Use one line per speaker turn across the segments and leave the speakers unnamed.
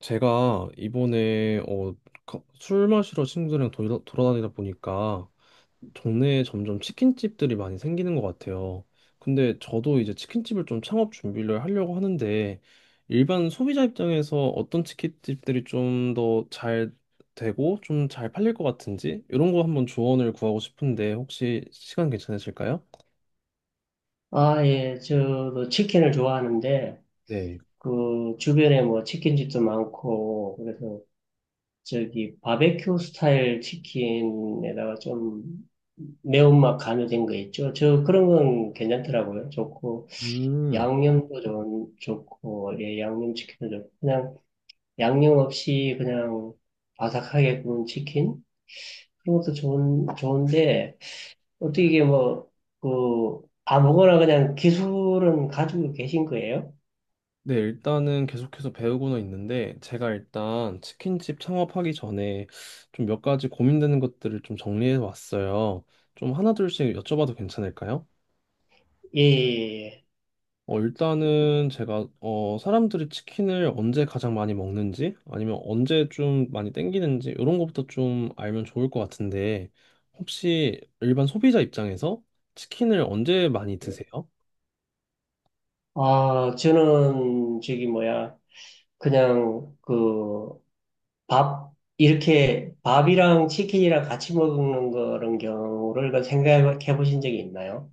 제가 이번에 술 마시러 친구들이랑 돌아다니다 보니까 동네에 점점 치킨집들이 많이 생기는 것 같아요. 근데 저도 이제 치킨집을 좀 창업 준비를 하려고 하는데 일반 소비자 입장에서 어떤 치킨집들이 좀 더 잘 되고 좀 잘 팔릴 것 같은지 이런 거 한번 조언을 구하고 싶은데 혹시 시간 괜찮으실까요?
아, 예, 저도 치킨을 좋아하는데,
네.
그, 주변에 뭐 치킨집도 많고, 그래서 저기 바베큐 스타일 치킨에다가 좀 매운맛 가미된 거 있죠. 저 그런 건 괜찮더라고요. 좋고,
음.
양념도 좋고, 예, 양념치킨도 좋고, 그냥 양념 없이 그냥 바삭하게 구운 치킨? 그런 것도 좋은데, 어떻게 이게 뭐, 그, 아무거나 그냥 기술은 가지고 계신 거예요?
네, 일단은 계속해서 배우고는 있는데, 제가 일단 치킨집 창업하기 전에 좀 몇 가지 고민되는 것들을 좀 정리해 왔어요. 좀 하나둘씩 여쭤봐도 괜찮을까요?
예, 예,
일단은 제가, 사람들이 치킨을 언제 가장 많이 먹는지, 아니면 언제 좀 많이 땡기는지, 이런 것부터 좀 알면 좋을 것 같은데, 혹시 일반 소비자 입장에서 치킨을 언제 많이
예.
드세요?
아, 저는 저기 뭐야, 그냥 그 밥, 이렇게 밥이랑 치킨이랑 같이 먹는 그런 경우를 그 생각해 보신 적이 있나요?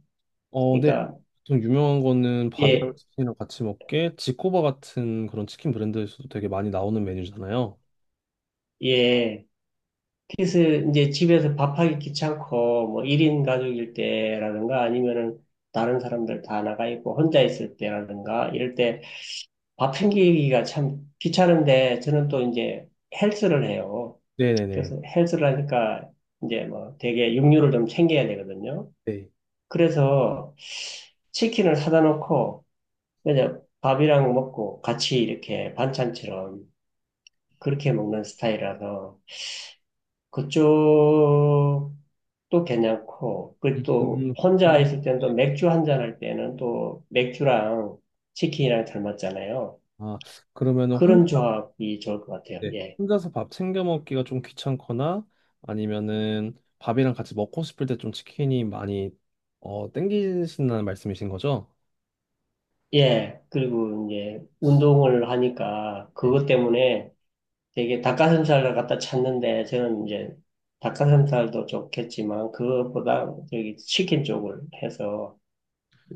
네.
그러니까,
보통 유명한 거는 바비앙
예,
치킨이랑 같이 먹게 지코바 같은 그런 치킨 브랜드에서도 되게 많이 나오는 메뉴잖아요.
예. 그래 이제 집에서 밥하기 귀찮고, 뭐 1인 가족일 때라든가 아니면은 다른 사람들 다 나가 있고 혼자 있을 때라든가 이럴 때 밥 챙기기가 참 귀찮은데 저는 또 이제 헬스를 해요.
네네네.
그래서 헬스를 하니까 이제 뭐 되게 육류를 좀 챙겨야 되거든요.
네.
그래서 치킨을 사다 놓고 그냥 밥이랑 먹고 같이 이렇게 반찬처럼 그렇게 먹는 스타일이라서 그쪽도 괜찮고 그또 혼자 있을 때는 또
네.
맥주 한 잔 할 때는 또 맥주랑 치킨이랑 잘 맞잖아요.
아, 그러면은
그런 조합이 좋을 것 같아요.
네.
예.
혼자서 밥 챙겨 먹기가 좀 귀찮거나 아니면은 밥이랑 같이 먹고 싶을 때 좀 치킨이 많이 땡기신다는 말씀이신 거죠?
예. 그리고 이제 운동을 하니까
네.
그것 때문에 되게 닭가슴살을 갖다 찾는데 저는 이제 닭가슴살도 좋겠지만 그것보다 저기 치킨 쪽을 해서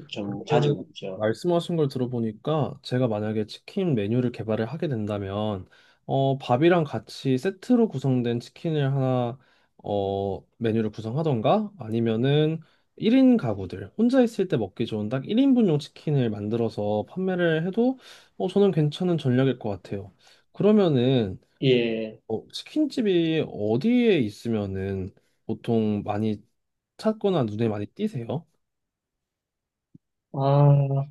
좀 자주
그러면은
먹죠.
말씀하신 걸 들어보니까 제가 만약에 치킨 메뉴를 개발을 하게 된다면 밥이랑 같이 세트로 구성된 치킨을 하나 메뉴를 구성하던가 아니면은 1인 가구들 혼자 있을 때 먹기 좋은 딱 1인분용 치킨을 만들어서 판매를 해도 저는 괜찮은 전략일 것 같아요. 그러면은
예.
치킨집이 어디에 있으면은 보통 많이 찾거나 눈에 많이 띄세요?
아,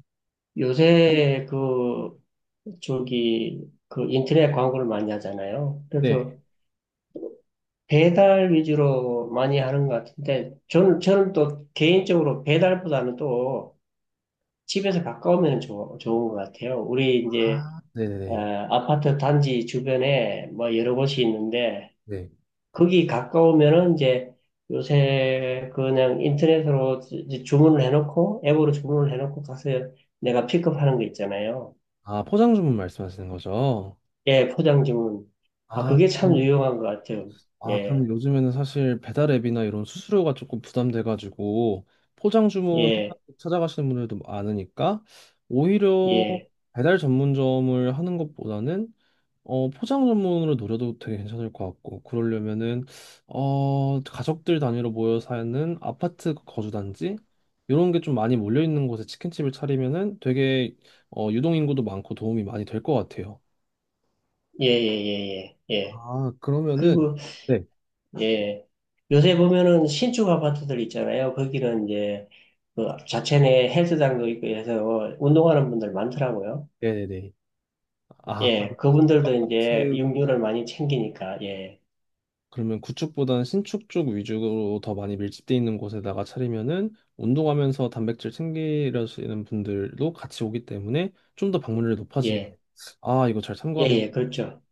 요새 그 저기 그 인터넷 광고를 많이 하잖아요.
네.
그래서 배달 위주로 많이 하는 것 같은데 저는 또 개인적으로 배달보다는 또 집에서 가까우면 좋은 것 같아요. 우리 이제
아,
어,
네네.
아파트 단지 주변에 뭐 여러 곳이 있는데
네.
거기 가까우면은 이제 요새 그냥 인터넷으로 주문을 해놓고 앱으로 주문을 해놓고 가서 내가 픽업하는 거 있잖아요.
아, 포장 주문 말씀하시는 거죠?
예, 포장 주문. 아,
아,
그게 참
그러면.
유용한 것 같아요.
아,
예,
그러면 요즘에는 사실 배달 앱이나 이런 수수료가 조금 부담돼가지고 포장 주문
예,
해가지고 찾아가시는 분들도 많으니까 오히려
예,
배달 전문점을 하는 것보다는 포장 전문으로 노려도 되게 괜찮을 것 같고 그러려면은 가족들 단위로 모여 사는 아파트 거주단지 이런 게 좀 많이 몰려 있는 곳에 치킨집을 차리면은 되게 유동 인구도 많고 도움이 많이 될 것 같아요.
예, 예, 예, 예. 예.
아, 그러면은.
그리고
네,
예, 요새 보면은 신축 아파트들 있잖아요. 거기는 이제 그 자체 내 헬스장도 있고 해서 운동하는 분들 많더라고요.
네네네. 아, 아,
예, 그분들도 이제
아파트,
육류를 많이 챙기니까, 예,
그러면 구축보다는 신축 쪽 위주로 더 많이 밀집돼 있는 곳에다가 차리면은 운동하면서 단백질 챙기려시는 분들도 같이 오기 때문에 좀 더 방문율이 높아지겠네요.
예.
아, 이거 잘 참고
예,
한번.
예, 그렇죠.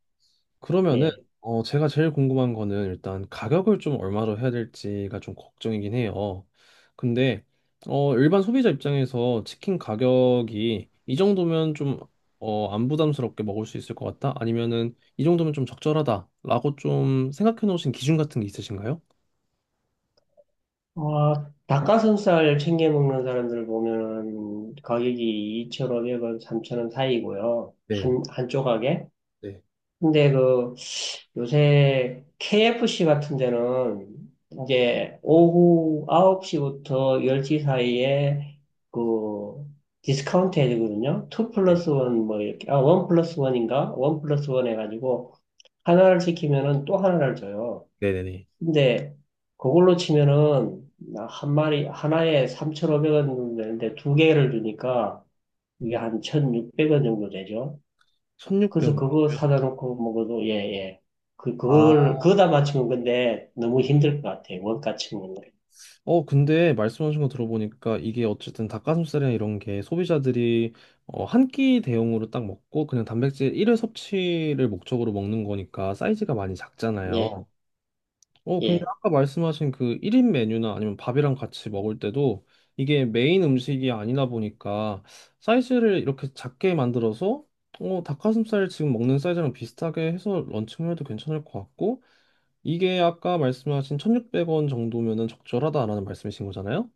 그러면은
예.
제가 제일 궁금한 거는 일단 가격을 좀 얼마로 해야 될지가 좀 걱정이긴 해요. 근데 일반 소비자 입장에서 치킨 가격이 이 정도면 좀 안 부담스럽게 먹을 수 있을 것 같다? 아니면은 이 정도면 좀 적절하다라고 좀 생각해 놓으신 기준 같은 게 있으신가요?
아, 닭가슴살 챙겨 먹는 사람들을 보면은 가격이 2,500원, 3,000원 사이고요.
네,
한 조각에.
네,
근데 그 요새 KFC 같은 데는 이제 오후 9시부터 10시 사이에 그 디스카운트 해주거든요. 2
네.
플러스 1 뭐 이렇게, 아, 1 플러스 1인가? 1 플러스 1 해가지고 하나를 시키면은 또 하나를 줘요.
네네네.
근데 그걸로 치면은 나한 마리 하나에 3,500원 정도 되는데 두 개를 주니까 이게 한 1,600원 정도 되죠. 그래서
1,600원
그거
정도요?
사다 놓고 먹어도 예예. 그걸 그다 맞추면 근데 너무 힘들 것 같아요. 원가 치고는.
근데 말씀하신 거 들어보니까 이게 어쨌든 닭가슴살이나 이런 게 소비자들이 한 끼 대용으로 딱 먹고 그냥 단백질 1회 섭취를 목적으로 먹는 거니까 사이즈가 많이
예.
작잖아요. 근데
예.
아까 말씀하신 그 1인 메뉴나 아니면 밥이랑 같이 먹을 때도 이게 메인 음식이 아니다 보니까 사이즈를 이렇게 작게 만들어서 닭가슴살 지금 먹는 사이즈랑 비슷하게 해서 런칭을 해도 괜찮을 것 같고 이게 아까 말씀하신 1,600원 정도면은 적절하다라는 말씀이신 거잖아요?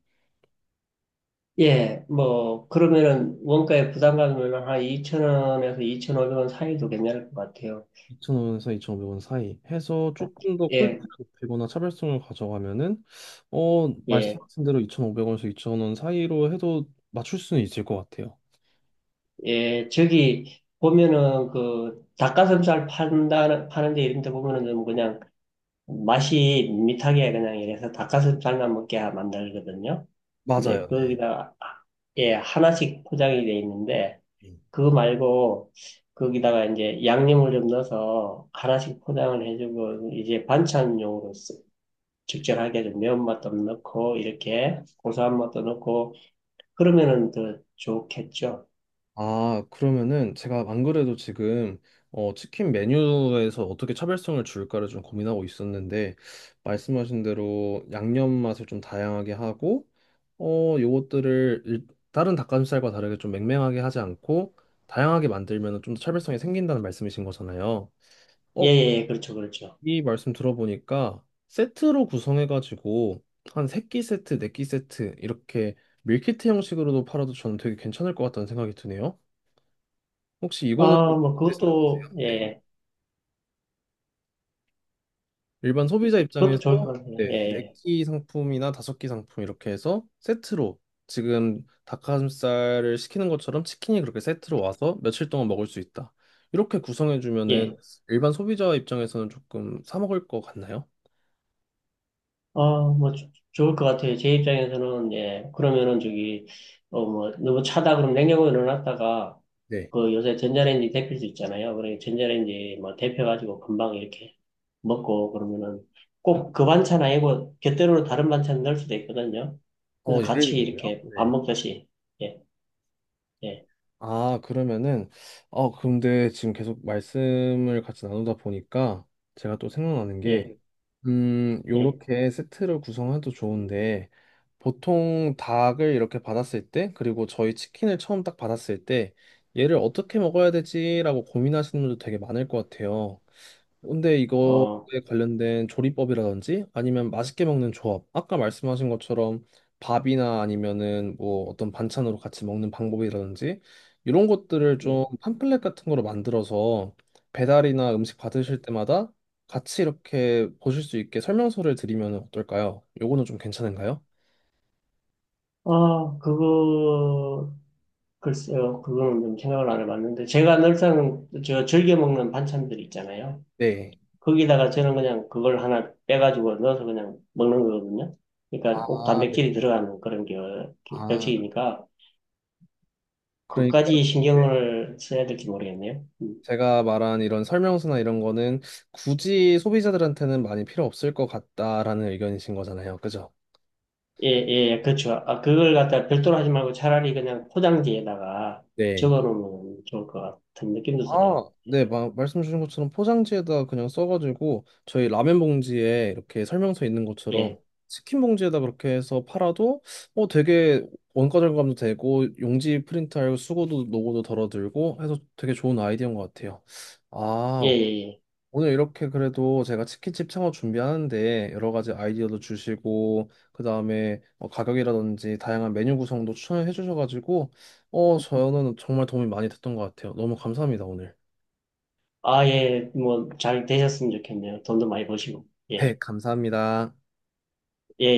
예. 뭐 그러면은 원가에 부담 가면은 한 2,000원에서 2,500원 사이도 괜찮을 것 같아요.
2,000원에서 2,500원 사이 해서 조금 더
예.
퀄리티를 높이거나 차별성을 가져가면은
예.
말씀하신 대로 2,500원에서 2,000원 사이로 해도 맞출 수는 있을 것 같아요.
예, 저기 보면은 그 닭가슴살 판다 파는 데 이런 데 보면은 좀 그냥 맛이 밋밋하게 그냥 이래서 닭가슴살만 먹게 만들거든요. 근데
맞아요, 네.
거기다가 예, 하나씩 포장이 돼 있는데
음.
그거 말고 거기다가 이제 양념을 좀 넣어서 하나씩 포장을 해주고 이제 반찬용으로 쓰- 적절하게 좀 매운맛도 넣고 이렇게 고소한 맛도 넣고 그러면은 더 좋겠죠.
아, 그러면은 제가 안 그래도 지금 치킨 메뉴에서 어떻게 차별성을 줄까를 좀 고민하고 있었는데 말씀하신 대로 양념 맛을 좀 다양하게 하고 요것들을 다른 닭가슴살과 다르게 좀 맹맹하게 하지 않고 다양하게 만들면 좀 더 차별성이 생긴다는 말씀이신 거잖아요.
예,
어,
예, 예, 그렇죠, 그렇죠.
이 말씀 들어보니까 세트로 구성해가지고 한 세끼 세트, 네끼 세트 이렇게 밀키트 형식으로도 팔아도 저는 되게 괜찮을 것 같다는 생각이 드네요. 혹시 이거는
아, 뭐,
어떻게 생각하세요?
그것도,
네.
예,
일반 소비자
그것도 좋을
입장에서
것 같아요.
네, 네
예,
끼 상품이나 다섯 끼 상품 이렇게 해서 세트로 지금 닭가슴살을 시키는 것처럼 치킨이 그렇게 세트로 와서 며칠 동안 먹을 수 있다. 이렇게 구성해주면은
예.
일반 소비자 입장에서는 조금 사 먹을 것 같나요?
아, 뭐, 조- 좋을 것 같아요. 제 입장에서는, 예, 그러면은 저기, 어, 뭐, 너무 차다 그럼 냉장고에 넣어놨다가,
네.
그 요새 전자레인지 데필 수 있잖아요. 그래, 전자레인지 뭐, 데펴가지고 금방 이렇게 먹고, 그러면은 꼭 그 반찬 아니고, 곁들여로 다른 반찬 넣을 수도 있거든요. 그래서
예를
같이
들면요?
이렇게
네.
밥 먹듯이, 예, 예,
아, 그러면은. 근데 지금 계속 말씀을 같이 나누다 보니까 제가 또 생각나는
예,
게,
예,
요렇게 세트를 구성해도 좋은데, 보통 닭을 이렇게 받았을 때, 그리고 저희 치킨을 처음 딱 받았을 때, 얘를 어떻게 먹어야 되지라고 고민하시는 분도 되게 많을 것 같아요. 근데 이거에
어,
관련된 조리법이라든지 아니면 맛있게 먹는 조합, 아까 말씀하신 것처럼 밥이나 아니면은 뭐 어떤 반찬으로 같이 먹는 방법이라든지 이런 것들을 좀
예.
팜플렛 같은 거로 만들어서 배달이나 음식 받으실 때마다 같이 이렇게 보실 수 있게 설명서를 드리면 어떨까요? 요거는 좀 괜찮은가요?
아, 그거, 글쎄요, 그거는 좀 생각을 안 해봤는데, 제가 늘상 저 즐겨 먹는 반찬들 있잖아요.
네.
거기다가 저는 그냥 그걸 하나 빼가지고 넣어서 그냥 먹는 거거든요. 그러니까 꼭
아, 네.
단백질이 들어가는 그런 게
아,
멸치이니까,
그러니까
그까지 신경을 써야 될지 모르겠네요. 음.
제가 말한 이런 설명서나 이런 거는 굳이 소비자들한테는 많이 필요 없을 것 같다라는 의견이신 거잖아요. 그죠?
예, 예, 예, 그렇죠. 아, 그걸 갖다 별도로 하지 말고 차라리 그냥 포장지에다가
네.
적어 놓으면 좋을 것 같은 느낌도 드네요.
아, 네. 말씀 주신 것처럼 포장지에다 그냥 써가지고 저희 라면 봉지에 이렇게 설명서 있는 것처럼
예,
치킨 봉지에다 그렇게 해서 팔아도 되게 원가 절감도 되고 용지 프린트하고 수고도 노고도 덜어들고 해서 되게 좋은 아이디어인 것 같아요.
예,
아,
예, 예.
오늘 이렇게 그래도 제가 치킨집 창업 준비하는데 여러 가지 아이디어도 주시고 그 다음에 가격이라든지 다양한 메뉴 구성도 추천을 해주셔가지고 저는 정말 도움이 많이 됐던 것 같아요. 너무 감사합니다 오늘.
아, 예, 뭐, 잘 되셨으면 좋겠네요. 돈도 많이 버시고.
네,
예.
감사합니다.
예,